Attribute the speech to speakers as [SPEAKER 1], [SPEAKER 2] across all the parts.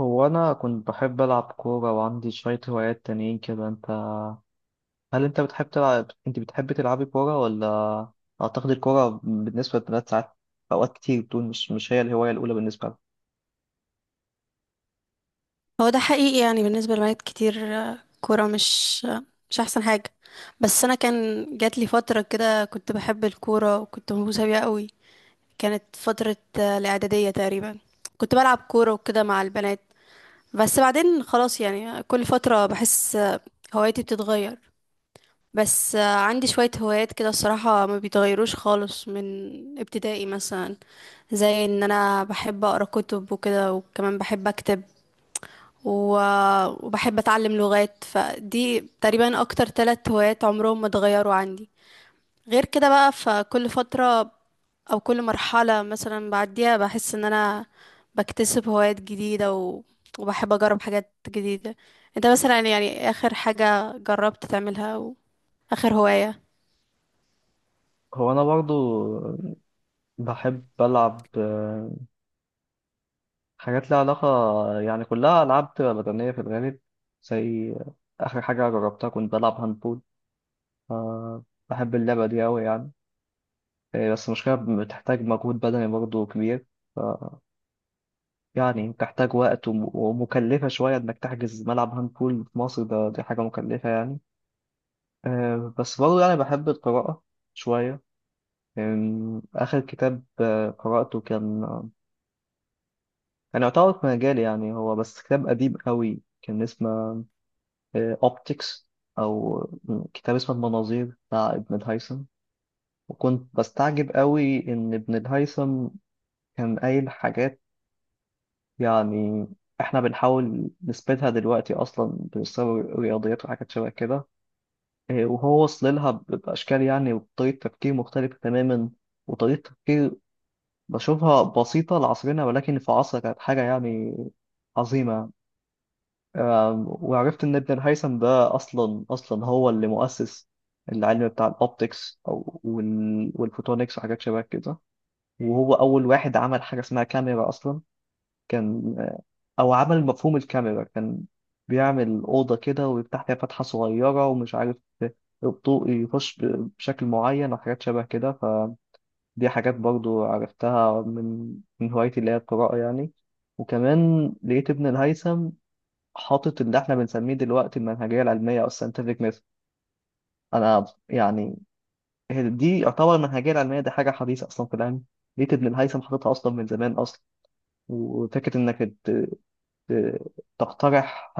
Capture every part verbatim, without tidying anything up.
[SPEAKER 1] هو أنا كنت بحب ألعب كورة وعندي شوية هوايات تانيين كده. أنت، هل أنت بتحب تلعب، أنت بتحب تلعبي كورة ولا؟ أعتقد الكورة بالنسبة للبنات ساعات، أوقات كتير بتقول مش مش هي الهواية الأولى بالنسبة لها.
[SPEAKER 2] هو ده حقيقي يعني بالنسبة لبنات كتير، آه، كورة مش آه، مش أحسن حاجة. بس أنا كان جات لي فترة كده كنت بحب الكورة وكنت مهووسة بيها قوي. كانت فترة آه، الإعدادية تقريبا، كنت بلعب كورة وكده مع البنات. بس بعدين خلاص، يعني كل فترة بحس آه، هوايتي بتتغير. بس آه، عندي شوية هوايات كده الصراحة ما بيتغيروش خالص من ابتدائي مثلا، زي ان انا بحب اقرا كتب وكده، وكمان بحب اكتب و- وبحب اتعلم لغات. فدي تقريبا اكتر ثلاث هوايات عمرهم ما اتغيروا عندي. غير كده بقى، فكل فترة او كل مرحلة مثلا بعديها بحس ان انا بكتسب هوايات جديدة و... وبحب اجرب حاجات جديدة. انت مثلا يعني اخر حاجة جربت تعملها او اخر هواية؟
[SPEAKER 1] هو أنا برضو بحب ألعب آه، حاجات لها علاقة، يعني كلها ألعاب بتبقى بدنية في الغالب، زي آخر حاجة جربتها كنت بلعب هاندبول. آه، بحب اللعبة دي أوي يعني. آه، بس المشكلة بتحتاج مجهود بدني برضو كبير. آه، يعني بتحتاج وقت وم- ومكلفة شوية إنك تحجز ملعب هاند بول في مصر، ده دي حاجة مكلفة يعني. آه، بس برضه يعني بحب القراءة شوية. آم، آخر كتاب آه، قرأته كان كان يعتبر في مجالي، يعني هو بس كتاب قديم قوي كان اسمه أوبتكس، أو آه، كتاب اسمه المناظير بتاع ابن الهيثم. وكنت بستعجب قوي إن ابن الهيثم كان قايل حاجات يعني احنا بنحاول نثبتها دلوقتي اصلا، بنسوي رياضيات وحاجات شبه كده. إيه، وهو وصل لها ب- باشكال يعني وطريقه تفكير مختلفه تماما، وطريقه تفكير بشوفها بسيطه لعصرنا ولكن في عصرها كانت حاجه يعني عظيمه. آم، وعرفت ان ابن الهيثم ده اصلا اصلا هو اللي مؤسس العلم بتاع الاوبتكس او وال- والفوتونكس وحاجات شبه كده. وهو اول واحد عمل حاجه اسمها كاميرا اصلا، كان او عمل مفهوم الكاميرا، كان بيعمل اوضه كده ويفتح فيها فتحه صغيره ومش عارف الضوء يخش ب- بشكل معين وحاجات شبه كده. فدي حاجات برضو عرفتها من من هوايتي اللي هي القراءه يعني. وكمان لقيت ابن الهيثم حاطط اللي احنا بنسميه دلوقتي المنهجيه العلميه او الساينتفك ميثود. انا يعني هي دي يعتبر المنهجيه العلميه دي حاجه حديثه اصلا في العلم، لقيت ابن الهيثم حاططها اصلا من زمان اصلا. وفكره انك ت- تقترح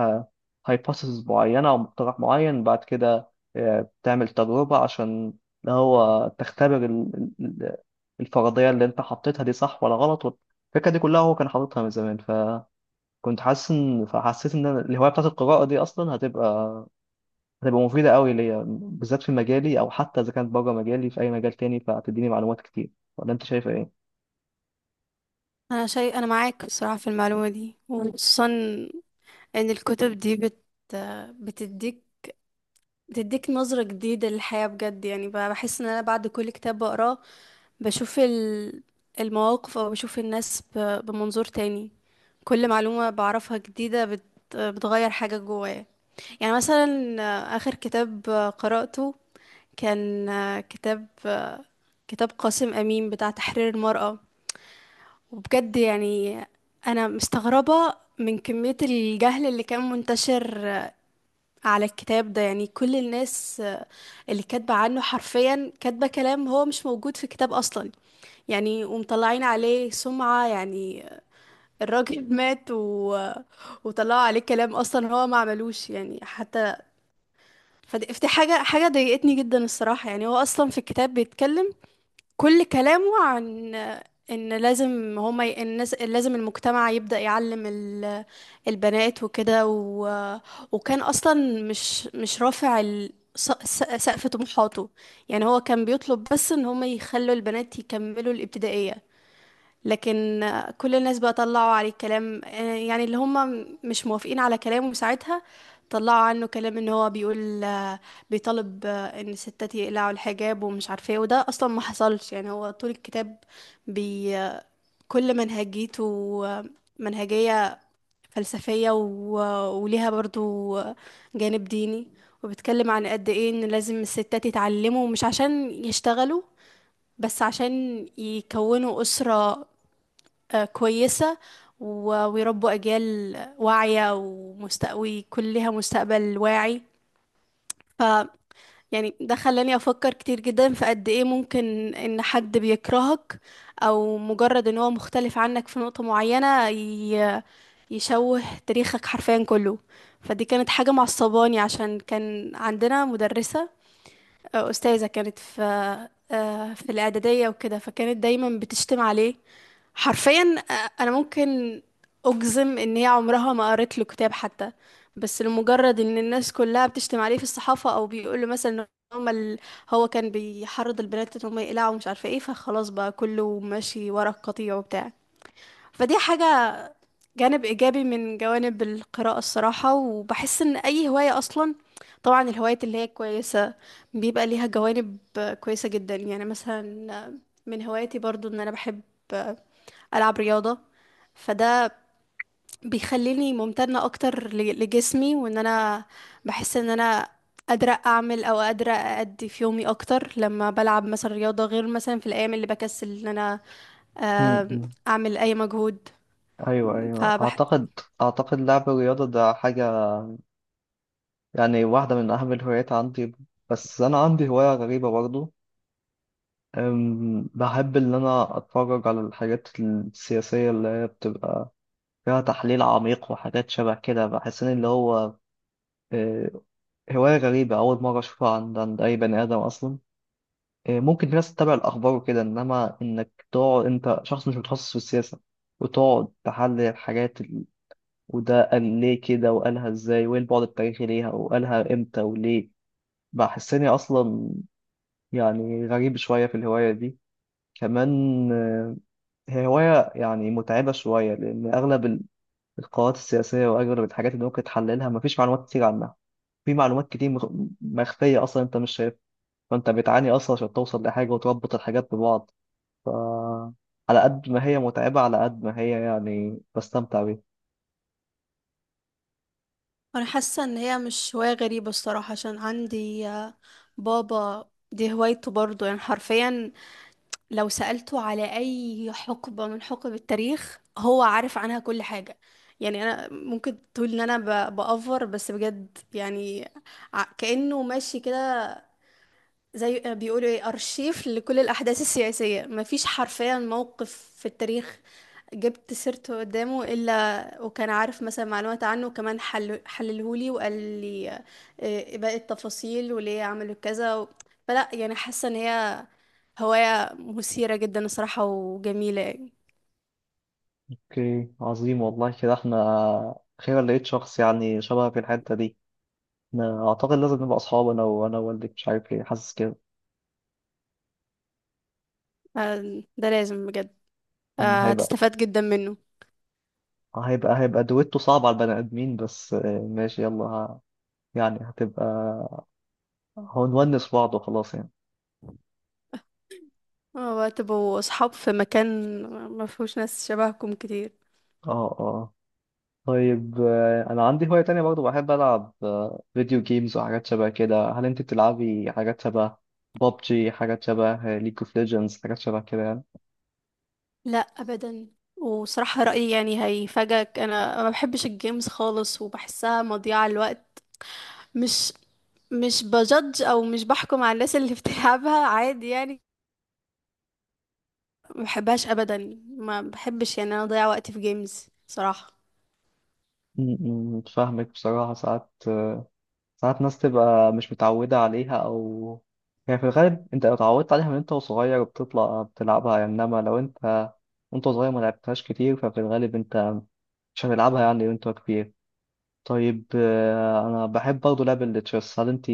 [SPEAKER 1] هايبوثيسز معينة أو مقترح معين، بعد كده آه، بتعمل تجربة عشان اللي هو تختبر ال- ال- الفرضية اللي أنت حطيتها دي صح ولا غلط. الفكرة دي كلها هو كان حاططها من زمان، فكنت حاسس إن، فحسيت إن أنا الهواية بتاعت القراءة دي أصلا هتبقى هتبقى مفيدة قوي ليا بالذات في مجالي، أو حتى إذا كانت بره مجالي في أي مجال تاني فهتديني معلومات كتير. ولا أنت شايف إيه؟
[SPEAKER 2] انا شيء انا معاك بصراحة في المعلومة دي، وخصوصا ان الكتب دي بت... بتديك بتديك نظرة جديدة للحياة. بجد يعني بقى بحس ان انا بعد كل كتاب بقراه بشوف ال- المواقف، او بشوف الناس ب- بمنظور تاني. كل معلومة بعرفها جديدة بت بتغير حاجة جوايا. يعني مثلا، آه، آخر كتاب آه، قرأته كان آه، كتاب آه، كتاب قاسم أمين بتاع تحرير المرأة. وبجد يعني أنا مستغربة من كمية الجهل اللي كان منتشر على الكتاب ده. يعني كل الناس آه، اللي كاتبة عنه حرفيا كاتبة كلام هو مش موجود في كتاب أصلا، يعني ومطلعين عليه سمعة يعني. الراجل مات و... وطلعوا عليه كلام أصلا هو ما عملوش يعني حتى. فدي فدي حاجة حاجة ضايقتني جدا الصراحة. يعني هو أصلا في الكتاب بيتكلم، كل كلامه عن ان لازم هما ي... الناس، لازم المجتمع يبدأ يعلم ال... البنات وكده، و... وكان اصلا مش مش رافع ال... س- س- سقف طموحاته. يعني هو كان بيطلب بس ان هما يخلوا البنات يكملوا الابتدائية. لكن كل الناس بقى طلعوا عليه كلام، آه، يعني اللي هم مش موافقين على كلامه ساعتها طلعوا عنه كلام ان هو بيقول آه، بيطالب آه، ان الستات يقلعوا الحجاب ومش عارفه ايه، وده اصلا ما حصلش. يعني هو طول الكتاب بي آه، كل منهجيته آه، منهجيه فلسفيه و... وليها برضو آه، جانب ديني، وبيتكلم عن قد ايه ان لازم الستات يتعلموا مش عشان يشتغلوا، بس عشان يكونوا أسرة آه، كويسة و- ويربوا أجيال واعية ومست... وكلها مستقبل واعي. ف يعني ده خلاني أفكر كتير جدا في قد إيه ممكن إن حد بيكرهك، أو مجرد إن هو مختلف عنك في نقطة معينة ي... يشوه تاريخك حرفيا كله. فدي كانت حاجة معصباني، عشان كان عندنا مدرسة، أستاذة كانت في آه، في الإعدادية وكده، فكانت دايما بتشتم عليه حرفيا. آه، أنا ممكن أجزم إن هي عمرها ما قرت له كتاب حتى، بس لمجرد إن الناس كلها بتشتم عليه في الصحافة، أو بيقول له مثلا إن هما ال... هو كان بيحرض البنات إن هما يقلعوا ومش عارفة إيه، فخلاص بقى كله ماشي ورا القطيع وبتاع. فدي حاجة، جانب إيجابي من جوانب القراءة الصراحة. وبحس إن أي هواية أصلا، طبعا الهوايات اللي هي كويسة، بيبقى ليها جوانب كويسة جدا. يعني مثلا من هواياتي برضو إن أنا بحب ألعب رياضة، فده بيخليني ممتنة أكتر ل- لجسمي، وإن أنا بحس إن أنا قادرة أعمل، أو قادرة أأدي في يومي أكتر لما بلعب مثلا رياضة، غير مثلا في الأيام اللي بكسل إن أنا
[SPEAKER 1] م-
[SPEAKER 2] آم،
[SPEAKER 1] م.
[SPEAKER 2] أعمل أي مجهود.
[SPEAKER 1] أيوه، أيوه،
[SPEAKER 2] فبح
[SPEAKER 1] أعتقد أعتقد لعب الرياضة ده حاجة، يعني واحدة من أهم الهوايات عندي. بس أنا عندي هواية غريبة برضو. أم، بحب إن أنا أتفرج على الحاجات السياسية اللي هي بتبقى فيها تحليل عميق وحاجات شبه كده، بحس إن اللي هو أه، هواية غريبة أول مرة أشوفها عند عند أي بني آدم أصلا. أه، ممكن في ناس تتابع الأخبار وكده، إنما إنك تقعد أنت شخص مش متخصص في السياسة وتقعد تحلل الحاجات، ال- وده قال ليه كده وقالها إزاي وإيه البعد التاريخي ليها وقالها إمتى وليه. بحسني أصلا يعني غريب شوية في الهواية دي. كمان آه، هي هواية يعني متعبة شوية، لأن أغلب ال- القرارات السياسية وأغلب الحاجات اللي ممكن تحللها مفيش معلومات كتير عنها، في معلومات كتير مخ- مخفية أصلا أنت مش شايفها، فأنت بتعاني أصلا عشان توصل لحاجة وتربط الحاجات ببعض. ف على قد ما هي متعبة، على قد ما هي يعني بستمتع بيها.
[SPEAKER 2] انا حاسه ان هي مش هوايه غريبه الصراحه، عشان عندي آه، بابا دي هوايته برضه، يعني حرفيا لو سألته على اي حقبه من حقب التاريخ هو عارف عنها كل حاجه. يعني انا ممكن تقول ان انا ب- بأفور، بس بجد يعني ع- كأنه ماشي كده زي آه، بيقولوا ايه، ارشيف لكل الاحداث السياسيه. مفيش حرفيا موقف في التاريخ جبت سيرته قدامه الا وكان عارف مثلا معلومات عنه، وكمان حل حللهولي وقال لي آه، إيه باقي التفاصيل وليه عملوا كذا و... فلا، يعني حاسه ان هي هوايه مثيره جدا الصراحه وجميله يعني.
[SPEAKER 1] أوكي، عظيم والله. كده إحنا أخيرا لقيت شخص يعني شبه في الحتة دي. أنا أعتقد لازم نبقى أصحاب، أنا وأنا ووالدك، مش عارف ليه حاسس كده.
[SPEAKER 2] آه، ده لازم بجد.
[SPEAKER 1] م،
[SPEAKER 2] آه،
[SPEAKER 1] هيبقى.
[SPEAKER 2] هتستفاد جدا منه.
[SPEAKER 1] آه، هيبقى هيبقى دويتو صعب على البني آدمين بس. آه، ماشي، يلا. ه- يعني هتبقى هنونس بعض وخلاص يعني.
[SPEAKER 2] آه، وهتبقوا اصحاب في مكان ما فيهوش ناس شبهكم كتير.
[SPEAKER 1] اه، اه. طيب، آه، انا عندي هواية تانية برضو، بحب العب آه، فيديو جيمز وحاجات شبه كده. هل انت بتلعبي حاجات شبه بابجي، حاجات شبه ليج اوف ليجندز، حاجات شبه كده يعني؟
[SPEAKER 2] لا ابدا، وصراحة رأيي يعني هيفاجئك، انا ما بحبش الجيمز خالص وبحسها مضيعة للوقت. مش مش بجدج، او مش بحكم على الناس اللي بتلعبها عادي يعني، ما بحبهاش ابدا، ما بحبش يعني انا اضيع وقتي في جيمز صراحة.
[SPEAKER 1] م- م، فاهمك. بصراحة ساعات آه، ساعات ناس تبقى مش متعودة عليها، أو يعني في الغالب أنت لو اتعودت عليها من أنت وصغير بتطلع بتلعبها يعني، إنما لو أنت وأنت صغير ما لعبتهاش كتير ففي الغالب أنت مش هتلعبها يعني وأنت كبير. طيب آه، أنا بحب برضه لعب التشيس. هل أنت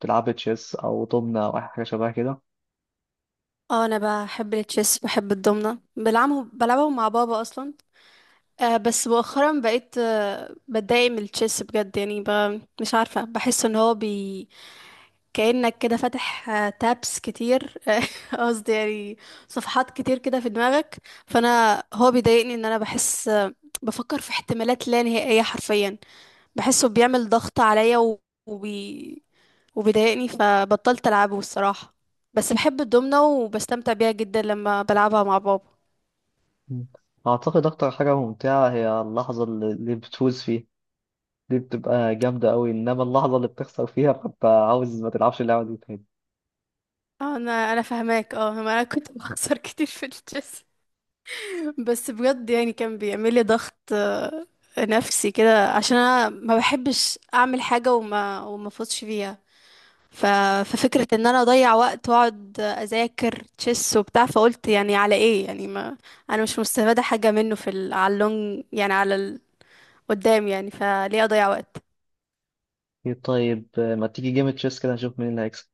[SPEAKER 1] بتلعبي تشيس أو دومنة أو أي حاجة شبه كده؟
[SPEAKER 2] اه، انا بحب التشيس، بحب الضمنة، بلعبه بلعبهم مع بابا اصلا. آه بس مؤخرا بقيت آه بتضايق من التشيس بجد يعني، ب... مش عارفة، بحس ان هو بي كأنك كده فاتح آه، تابس كتير، قصدي يعني صفحات كتير كده في دماغك. فانا هو بيضايقني ان انا بحس آه، بفكر في احتمالات لا نهائية حرفيا، بحسه بيعمل ضغط عليا و- وبي... وبيضايقني، فبطلت العبه الصراحة. بس بحب الدومنة وبستمتع بيها جدا لما بلعبها مع بابا.
[SPEAKER 1] مم. أعتقد أكتر حاجة ممتعة هي اللحظة اللي اللي بتفوز فيها، دي بتبقى جامدة أوي، إنما اللحظة اللي بتخسر فيها ببقى عاوز ما تلعبش اللعبة دي تاني.
[SPEAKER 2] انا انا فاهماك، اه، ما انا كنت بخسر كتير في التشيس، بس بجد يعني كان بيعمل لي ضغط آه، نفسي كده، عشان انا ما بحبش اعمل حاجه وما وما افوتش فيها. ف... ففكره ان انا اضيع وقت واقعد اذاكر تشيس وبتاع، فقلت يعني على ايه يعني، ما انا مش مستفاده حاجه منه في ال... على اللونج، يعني على ال... قدام يعني، فليه اضيع وقت.
[SPEAKER 1] إيه، طيب آه، ما تيجي جيم تشيس كده نشوف مين اللي هيكسب؟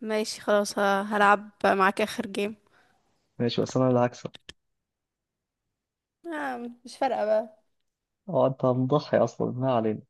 [SPEAKER 2] ماشي، خلاص، ه- هلعب معاك اخر جيم.
[SPEAKER 1] ماشي، بس انا اللي هكسب.
[SPEAKER 2] آه، مش فارقه بقى.
[SPEAKER 1] اه، انت هنضحي اصلا، ما علينا.